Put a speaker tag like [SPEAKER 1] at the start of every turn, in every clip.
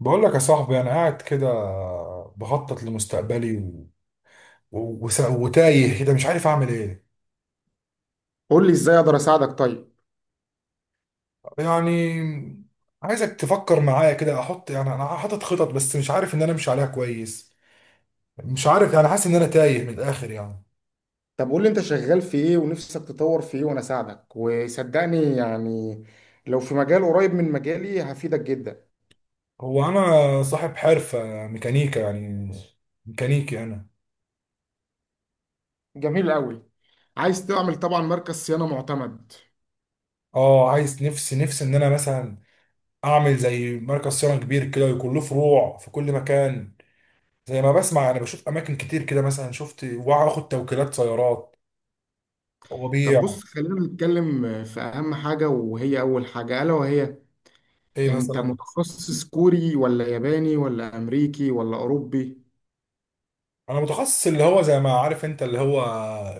[SPEAKER 1] بقول لك يا صاحبي، انا قاعد كده بخطط لمستقبلي وتايه كده مش عارف اعمل ايه.
[SPEAKER 2] قول لي ازاي اقدر اساعدك طيب.
[SPEAKER 1] يعني عايزك تفكر معايا كده، احط يعني انا حاطط خطط بس مش عارف ان امشي عليها كويس. مش عارف، يعني حاسس ان انا تايه من الاخر يعني.
[SPEAKER 2] طب قول لي انت شغال في ايه ونفسك تطور في ايه وانا اساعدك وصدقني يعني لو في مجال قريب من مجالي هفيدك جدا.
[SPEAKER 1] هو انا صاحب حرفة ميكانيكا، يعني ميكانيكي انا.
[SPEAKER 2] جميل قوي. عايز تعمل طبعا مركز صيانة معتمد.
[SPEAKER 1] اه، عايز، نفسي ان انا مثلا اعمل زي مركز صيانة كبير كده ويكون له فروع في كل مكان. زي ما بسمع انا بشوف اماكن كتير كده، مثلا شفت واخد توكيلات سيارات
[SPEAKER 2] طب
[SPEAKER 1] وبيع.
[SPEAKER 2] بص خلينا نتكلم في اهم حاجة وهي اول حاجة الا وهي
[SPEAKER 1] ايه
[SPEAKER 2] انت
[SPEAKER 1] مثلا؟
[SPEAKER 2] متخصص كوري ولا ياباني ولا امريكي ولا اوروبي؟
[SPEAKER 1] انا متخصص اللي هو زي ما عارف انت، اللي هو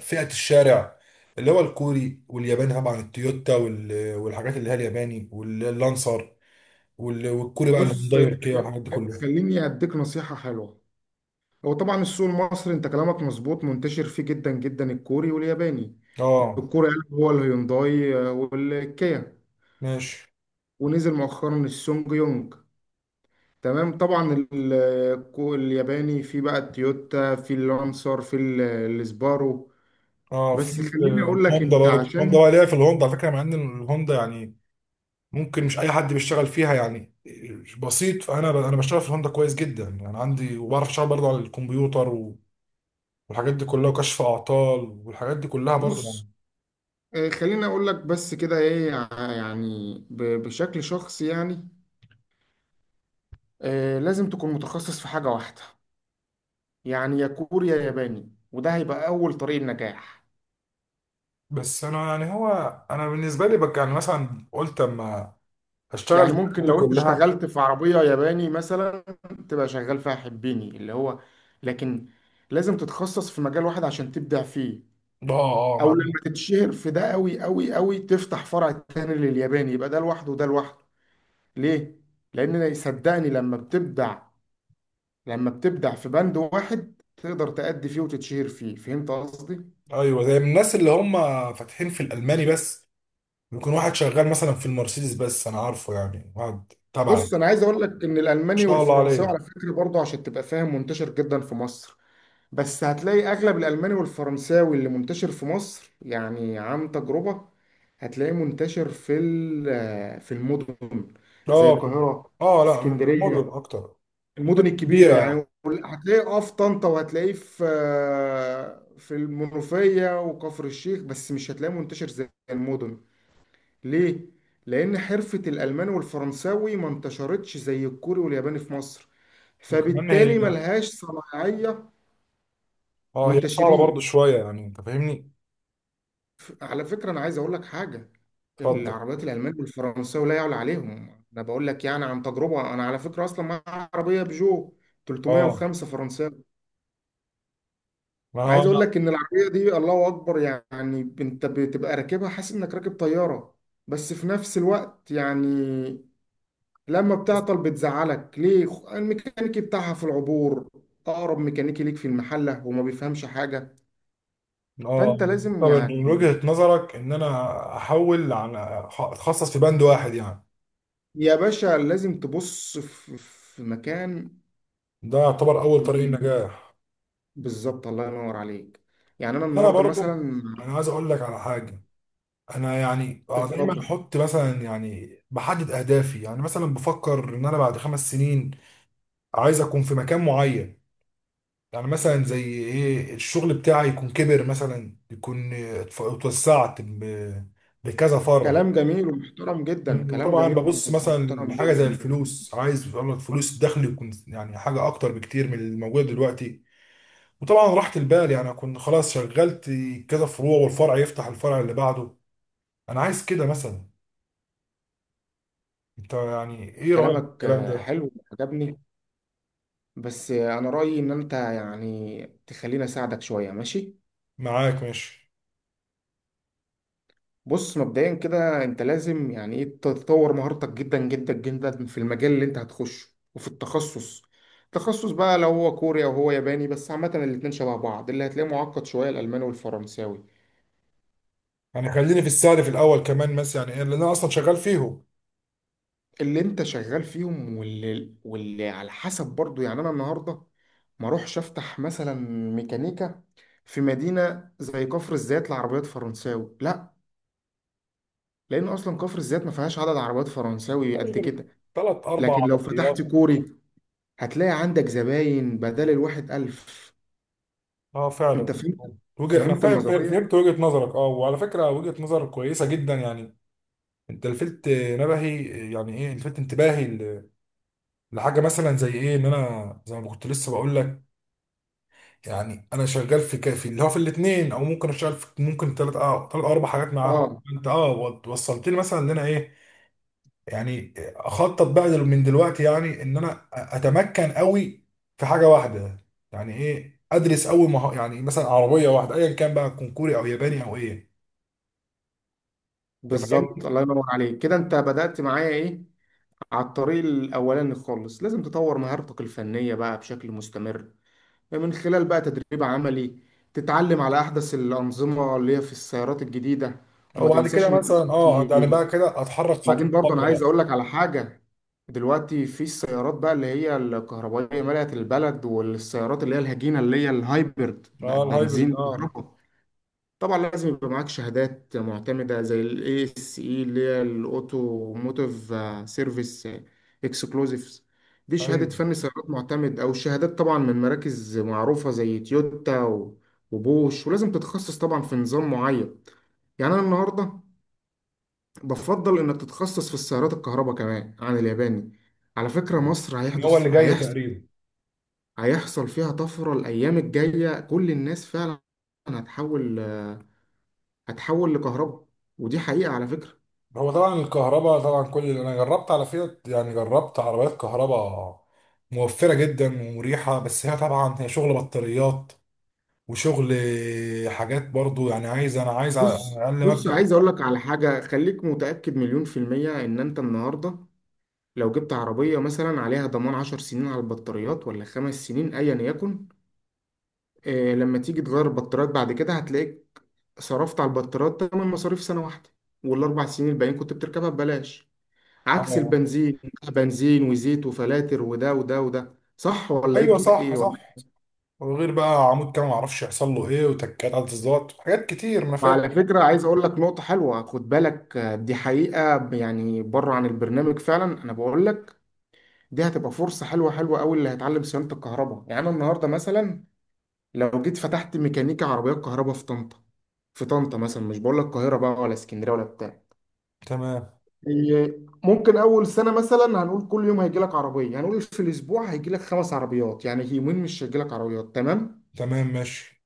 [SPEAKER 1] فئة الشارع. اللي هو الكوري والياباني، طبعا التويوتا والحاجات اللي هي الياباني واللانسر، والكوري بقى
[SPEAKER 2] بص،
[SPEAKER 1] الهونداي والكيا والحاجات دي كلها.
[SPEAKER 2] خليني اديك نصيحة حلوة. هو طبعا السوق المصري انت كلامك مظبوط، منتشر فيه جدا جدا الكوري والياباني.
[SPEAKER 1] اه،
[SPEAKER 2] الكوري قلب هو الهيونداي، والكيا.
[SPEAKER 1] ماشي.
[SPEAKER 2] ونزل مؤخرا السونج يونج. تمام، طبعا الياباني في بقى التويوتا، في اللانسر، في السبارو.
[SPEAKER 1] اه،
[SPEAKER 2] بس
[SPEAKER 1] في
[SPEAKER 2] خليني اقول لك
[SPEAKER 1] الهوندا
[SPEAKER 2] انت
[SPEAKER 1] برضه، الهوندا
[SPEAKER 2] عشان
[SPEAKER 1] بقى ليا، في الهوندا على فكره. مع ان الهوندا يعني ممكن مش اي حد بيشتغل فيها يعني. بسيط، فانا بشتغل في الهوندا كويس جدا يعني. عندي وبعرف اشتغل برضه على الكمبيوتر والحاجات دي كلها، وكشف اعطال والحاجات دي كلها برضه يعني.
[SPEAKER 2] بص خليني اقول لك بس كده ايه، يعني بشكل شخصي يعني لازم تكون متخصص في حاجة واحدة. يعني يا كوري يا ياباني، وده هيبقى اول طريق النجاح.
[SPEAKER 1] بس انا يعني، هو انا بالنسبه لي بك، يعني مثلا قلت اما هشتغل
[SPEAKER 2] يعني
[SPEAKER 1] في الحاجات
[SPEAKER 2] ممكن
[SPEAKER 1] دي
[SPEAKER 2] لو انت
[SPEAKER 1] كلها.
[SPEAKER 2] اشتغلت في عربية ياباني مثلا، تبقى شغال فيها حبيني اللي هو، لكن لازم تتخصص في مجال واحد عشان تبدع فيه.
[SPEAKER 1] اه اه، مع.
[SPEAKER 2] او لما تتشهر في ده قوي قوي قوي، تفتح فرع تاني للياباني، يبقى ده لوحده وده لوحده. ليه؟ لان صدقني لما بتبدع في بند واحد، تقدر تأدي فيه وتتشهر فيه. فهمت قصدي؟
[SPEAKER 1] ايوه زي الناس اللي هم فاتحين في الالماني بس، بيكون واحد شغال مثلا في المرسيدس بس. انا عارفه يعني واحد تبعي، ما
[SPEAKER 2] بص، انا عايز اقول لك ان الالماني
[SPEAKER 1] شاء الله
[SPEAKER 2] والفرنساوي
[SPEAKER 1] عليه.
[SPEAKER 2] على فكرة برضه، عشان تبقى فاهم، منتشر جدا في مصر. بس هتلاقي اغلب الالماني والفرنساوي اللي منتشر في مصر، يعني عن تجربة، هتلاقيه منتشر في في المدن زي
[SPEAKER 1] اه،
[SPEAKER 2] القاهرة،
[SPEAKER 1] اه لا الموديل
[SPEAKER 2] اسكندرية،
[SPEAKER 1] اكتر. مدن
[SPEAKER 2] المدن الكبيرة
[SPEAKER 1] كبيرة.
[SPEAKER 2] يعني. هتلاقيه اه في طنطا، وهتلاقيه في في المنوفية وكفر الشيخ، بس مش هتلاقيه منتشر زي المدن. ليه؟ لأن حرفة الألماني والفرنساوي ما انتشرتش زي الكوري والياباني في مصر،
[SPEAKER 1] وكمان هي،
[SPEAKER 2] فبالتالي ملهاش صناعية
[SPEAKER 1] اه هي صعبة برضو
[SPEAKER 2] منتشرين.
[SPEAKER 1] شوية، يعني انت فاهمني؟
[SPEAKER 2] على فكرة أنا عايز أقول لك حاجة،
[SPEAKER 1] اتفضل.
[SPEAKER 2] العربيات الألمان والفرنساوي لا يعلى عليهم. أنا بقول لك يعني عن تجربة، أنا على فكرة أصلا معايا عربية بيجو
[SPEAKER 1] اه
[SPEAKER 2] 305 فرنساوي.
[SPEAKER 1] ما
[SPEAKER 2] أنا
[SPEAKER 1] هو
[SPEAKER 2] عايز
[SPEAKER 1] انا.
[SPEAKER 2] أقول لك إن العربية دي الله أكبر، يعني أنت بتبقى راكبها حاسس إنك راكب طيارة. بس في نفس الوقت يعني لما بتعطل بتزعلك، ليه؟ الميكانيكي بتاعها في العبور، أقرب ميكانيكي ليك في المحلة، وما بيفهمش حاجة.
[SPEAKER 1] اه
[SPEAKER 2] فأنت لازم
[SPEAKER 1] طب من
[SPEAKER 2] يعني،
[SPEAKER 1] وجهة نظرك ان انا احول، عن اتخصص في بند واحد، يعني
[SPEAKER 2] يا باشا لازم تبص في مكان
[SPEAKER 1] ده يعتبر اول طريق
[SPEAKER 2] يكون-
[SPEAKER 1] النجاح.
[SPEAKER 2] بالظبط، الله ينور عليك. يعني انا
[SPEAKER 1] انا
[SPEAKER 2] النهارده
[SPEAKER 1] برضو،
[SPEAKER 2] مثلا.
[SPEAKER 1] انا عايز اقول لك على حاجة. انا يعني انا دايما
[SPEAKER 2] اتفضل.
[SPEAKER 1] احط مثلا، يعني بحدد اهدافي. يعني مثلا بفكر ان انا بعد خمس سنين عايز اكون في مكان معين. يعني مثلا زي ايه، الشغل بتاعي يكون كبر، مثلا يكون اتوسعت بكذا فرع.
[SPEAKER 2] كلام جميل ومحترم جدا، كلام
[SPEAKER 1] وطبعا
[SPEAKER 2] جميل
[SPEAKER 1] ببص مثلا
[SPEAKER 2] ومحترم
[SPEAKER 1] لحاجه زي
[SPEAKER 2] جدا.
[SPEAKER 1] الفلوس، عايز والله الفلوس الدخل يكون يعني حاجه اكتر بكتير من الموجود دلوقتي. وطبعا راحه البال، يعني اكون خلاص شغلت كذا فروع والفرع يفتح الفرع اللي بعده. انا عايز كده مثلا. انت يعني ايه رايك في
[SPEAKER 2] كلامك
[SPEAKER 1] الكلام ده؟
[SPEAKER 2] حلو وعجبني. بس انا رايي ان انت يعني تخليني اساعدك شويه، ماشي.
[SPEAKER 1] معاك ماشي.
[SPEAKER 2] بص، مبدئيا كده انت لازم يعني ايه تطور مهارتك جدا جدا جدا في المجال اللي انت هتخشه، وفي التخصص تخصص بقى، لو هو كوري او هو ياباني. بس عامه الاتنين شبه بعض، اللي هتلاقيه معقد شويه الالماني والفرنساوي،
[SPEAKER 1] يعني خليني في السعر في الاول كمان مثلا، يعني إيه، لان انا اصلا شغال فيهم.
[SPEAKER 2] اللي انت شغال فيهم. واللي على حسب برضو، يعني انا النهارده ما اروحش افتح مثلا ميكانيكا في مدينه زي كفر الزيات لعربيات فرنساوي، لا، لان اصلا كفر الزيات ما فيهاش عدد عربيات فرنساوي
[SPEAKER 1] مش
[SPEAKER 2] قد
[SPEAKER 1] غير
[SPEAKER 2] كده.
[SPEAKER 1] ثلاث اربع
[SPEAKER 2] لكن لو فتحت
[SPEAKER 1] عربيات.
[SPEAKER 2] كوري، هتلاقي عندك زباين بدل الواحد الف.
[SPEAKER 1] اه
[SPEAKER 2] انت
[SPEAKER 1] فعلا.
[SPEAKER 2] فهمت.
[SPEAKER 1] وجه، انا
[SPEAKER 2] فهمت
[SPEAKER 1] فاهم
[SPEAKER 2] النظريه.
[SPEAKER 1] فهمت وجهة نظرك. اه وعلى فكرة وجهة نظر كويسة جدا يعني. انت لفت نبهي، يعني ايه، لفت انتباهي لحاجة مثلا زي ايه. ان انا زي ما كنت لسه بقول لك، يعني انا شغال في كافي اللي هو في الاثنين او ممكن اشتغل في، ممكن ثلاث اه ثلاث اربع حاجات معاهم.
[SPEAKER 2] اه،
[SPEAKER 1] انت اه وصلت لي مثلا ان انا ايه، يعني اخطط بقى من دلوقتي يعني ان انا اتمكن قوي في حاجه واحده. يعني ايه، ادرس اول يعني مثلا عربيه واحده ايا كان بقى، تكون كوري او ياباني او ايه. ده
[SPEAKER 2] بالظبط،
[SPEAKER 1] فاهمني.
[SPEAKER 2] الله ينور عليك كده، انت بدأت معايا ايه على الطريق الاولاني خالص. لازم تطور مهارتك الفنيه بقى بشكل مستمر، من خلال بقى تدريب عملي، تتعلم على أحدث الأنظمة اللي هي في السيارات الجديدة.
[SPEAKER 1] او
[SPEAKER 2] وما
[SPEAKER 1] بعد
[SPEAKER 2] تنساش
[SPEAKER 1] كده
[SPEAKER 2] إن
[SPEAKER 1] مثلا اه، يعني
[SPEAKER 2] دلوقتي،
[SPEAKER 1] بقى كده اتحرك خطوه
[SPEAKER 2] بعدين برضه أنا
[SPEAKER 1] بخطوه
[SPEAKER 2] عايز
[SPEAKER 1] بقى.
[SPEAKER 2] أقول لك على حاجة، دلوقتي في السيارات بقى اللي هي الكهربائية ملأت البلد، والسيارات اللي هي الهجينة اللي هي الهايبرد بقت
[SPEAKER 1] اه الهايبرد
[SPEAKER 2] بنزين
[SPEAKER 1] اه.
[SPEAKER 2] كهرباء. طبعا لازم يبقى معاك شهادات معتمدة زي ال ASE، اللي هي الأوتوموتيف سيرفيس اكسكلوزيفز، دي
[SPEAKER 1] ايوه.
[SPEAKER 2] شهادة فني سيارات معتمد، أو شهادات طبعا من مراكز معروفة زي تويوتا وبوش. ولازم تتخصص طبعا في نظام معين. يعني أنا النهاردة بفضل إنك تتخصص في السيارات الكهرباء كمان عن الياباني. على فكرة
[SPEAKER 1] آه.
[SPEAKER 2] مصر
[SPEAKER 1] هو اللي جاي
[SPEAKER 2] هيحصل
[SPEAKER 1] تقريبا.
[SPEAKER 2] هيحصل فيها طفرة الأيام الجاية، كل الناس فعلا هتحول، هتحول لكهرباء. ودي حقيقة على فكرة.
[SPEAKER 1] هو طبعا الكهرباء، طبعا كل اللي انا جربت على فيات، يعني جربت عربيات كهرباء موفره جدا ومريحه. بس هي طبعا هي شغل بطاريات وشغل حاجات برضو يعني. عايز انا عايز على
[SPEAKER 2] بص
[SPEAKER 1] اقل
[SPEAKER 2] بص،
[SPEAKER 1] مبدأ.
[SPEAKER 2] عايز اقول لك على حاجة، خليك متأكد مليون في المية ان انت النهاردة لو جبت عربية مثلا عليها ضمان 10 سنين على البطاريات، ولا 5 سنين، ايا يكن، آه لما تيجي تغير البطاريات بعد كده، هتلاقيك صرفت على البطاريات تمن مصاريف سنة واحدة، والاربع سنين الباقيين كنت بتركبها ببلاش، عكس
[SPEAKER 1] اه.
[SPEAKER 2] البنزين. بنزين وزيت وفلاتر وده وده وده، صح ولا ايه
[SPEAKER 1] ايوه صح
[SPEAKER 2] إيه؟
[SPEAKER 1] صح. وغير بقى عمود كام ما اعرفش يحصل له ايه، وتكات على التظبيطات حاجات كتير ما فاهم.
[SPEAKER 2] وعلى فكرة عايز أقول لك نقطة حلوة، خد بالك دي حقيقة يعني بره عن البرنامج، فعلا أنا بقول لك دي هتبقى فرصة حلوة حلوة أوي اللي هيتعلم صيانة الكهرباء. يعني أنا النهاردة مثلا لو جيت فتحت ميكانيكا عربيات كهرباء في طنطا. في طنطا مثلا، مش بقول لك القاهرة بقى ولا اسكندرية ولا بتاع،
[SPEAKER 1] تمام.
[SPEAKER 2] هي ممكن أول سنة مثلا، هنقول كل يوم هيجي لك عربية، هنقول في الأسبوع هيجي لك خمس عربيات، يعني يومين مش هيجي لك عربيات، تمام.
[SPEAKER 1] تمام ماشي.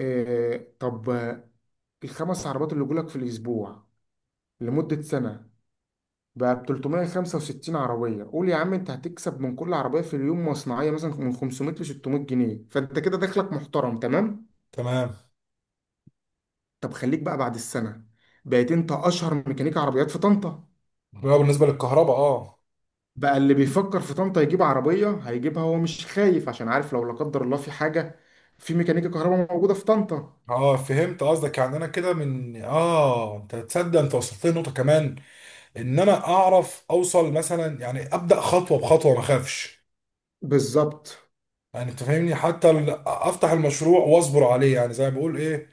[SPEAKER 2] آه، طب الخمس عربيات اللي يجوا لك في الأسبوع لمدة سنة، بقى ب 365 عربية. قول يا عم، انت هتكسب من كل عربية في اليوم مصنعية مثلا من 500 ل 600 جنيه، فانت كده دخلك محترم، تمام.
[SPEAKER 1] تمام.
[SPEAKER 2] طب خليك بقى بعد السنة، بقيت انت اشهر ميكانيكي عربيات في طنطا،
[SPEAKER 1] بقى بالنسبه للكهرباء اه.
[SPEAKER 2] بقى اللي بيفكر في طنطا يجيب عربية هيجيبها، هو مش خايف عشان عارف لو لا قدر الله في حاجة، في ميكانيكا كهرباء موجودة في طنطا.
[SPEAKER 1] اه فهمت قصدك. يعني انا كده من اه انت تصدق، انت وصلت لي نقطه كمان، ان انا اعرف اوصل مثلا يعني ابدا خطوه بخطوه ما اخافش.
[SPEAKER 2] بالظبط،
[SPEAKER 1] يعني انت فاهمني، حتى افتح المشروع واصبر عليه. يعني زي ما بقول ايه،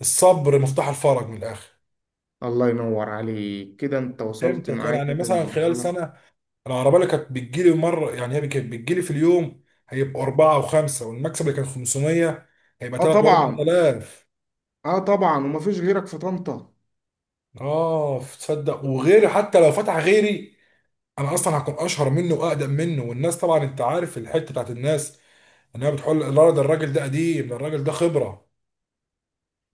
[SPEAKER 1] الصبر مفتاح الفرج من الاخر.
[SPEAKER 2] الله ينور عليك كده، انت وصلت
[SPEAKER 1] امتى كان
[SPEAKER 2] معايا
[SPEAKER 1] يعني مثلا خلال
[SPEAKER 2] للمرحلة.
[SPEAKER 1] سنه العربيه اللي كانت بتجيلي مره، يعني هي كانت بتجيلي في اليوم هيبقى اربعه وخمسه، والمكسب اللي كان 500 هيبقى
[SPEAKER 2] اه
[SPEAKER 1] 3 و
[SPEAKER 2] طبعا.
[SPEAKER 1] 4000.
[SPEAKER 2] اه طبعا، ومفيش غيرك في طنطا.
[SPEAKER 1] اه تصدق، وغيري حتى لو فتح غيري انا اصلا هكون اشهر منه واقدم منه. والناس طبعا انت عارف الحته بتاعت الناس، انها بتقول لا، ده الراجل ده قديم، ده الراجل ده خبره.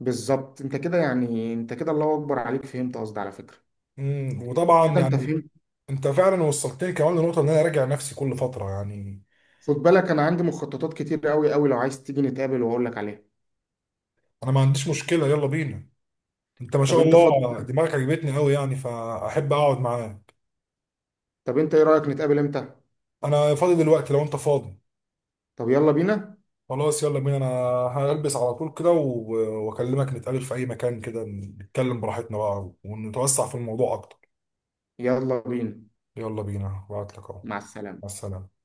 [SPEAKER 2] بالظبط، انت كده، يعني انت كده الله اكبر عليك، فهمت قصدي على فكره.
[SPEAKER 1] وطبعا
[SPEAKER 2] كده انت
[SPEAKER 1] يعني
[SPEAKER 2] فهمت.
[SPEAKER 1] انت فعلا وصلتني كمان لنقطه ان انا راجع نفسي كل فتره يعني.
[SPEAKER 2] خد بالك انا عندي مخططات كتير قوي قوي، لو عايز تيجي نتقابل واقول لك عليها.
[SPEAKER 1] انا ما عنديش مشكله، يلا بينا. انت ما
[SPEAKER 2] طب
[SPEAKER 1] شاء
[SPEAKER 2] انت فاضي؟
[SPEAKER 1] الله دماغك عجبتني قوي يعني، فاحب اقعد معاك.
[SPEAKER 2] طب انت ايه رايك نتقابل امتى؟
[SPEAKER 1] انا فاضي دلوقتي لو انت فاضي.
[SPEAKER 2] طب يلا بينا.
[SPEAKER 1] خلاص يلا بينا. انا هلبس على طول كده واكلمك، نتقابل في اي مكان كده، نتكلم براحتنا بقى ونتوسع في الموضوع اكتر.
[SPEAKER 2] يلا بينا.
[SPEAKER 1] يلا بينا. بعتلك اهو.
[SPEAKER 2] مع السلامه.
[SPEAKER 1] مع السلامة.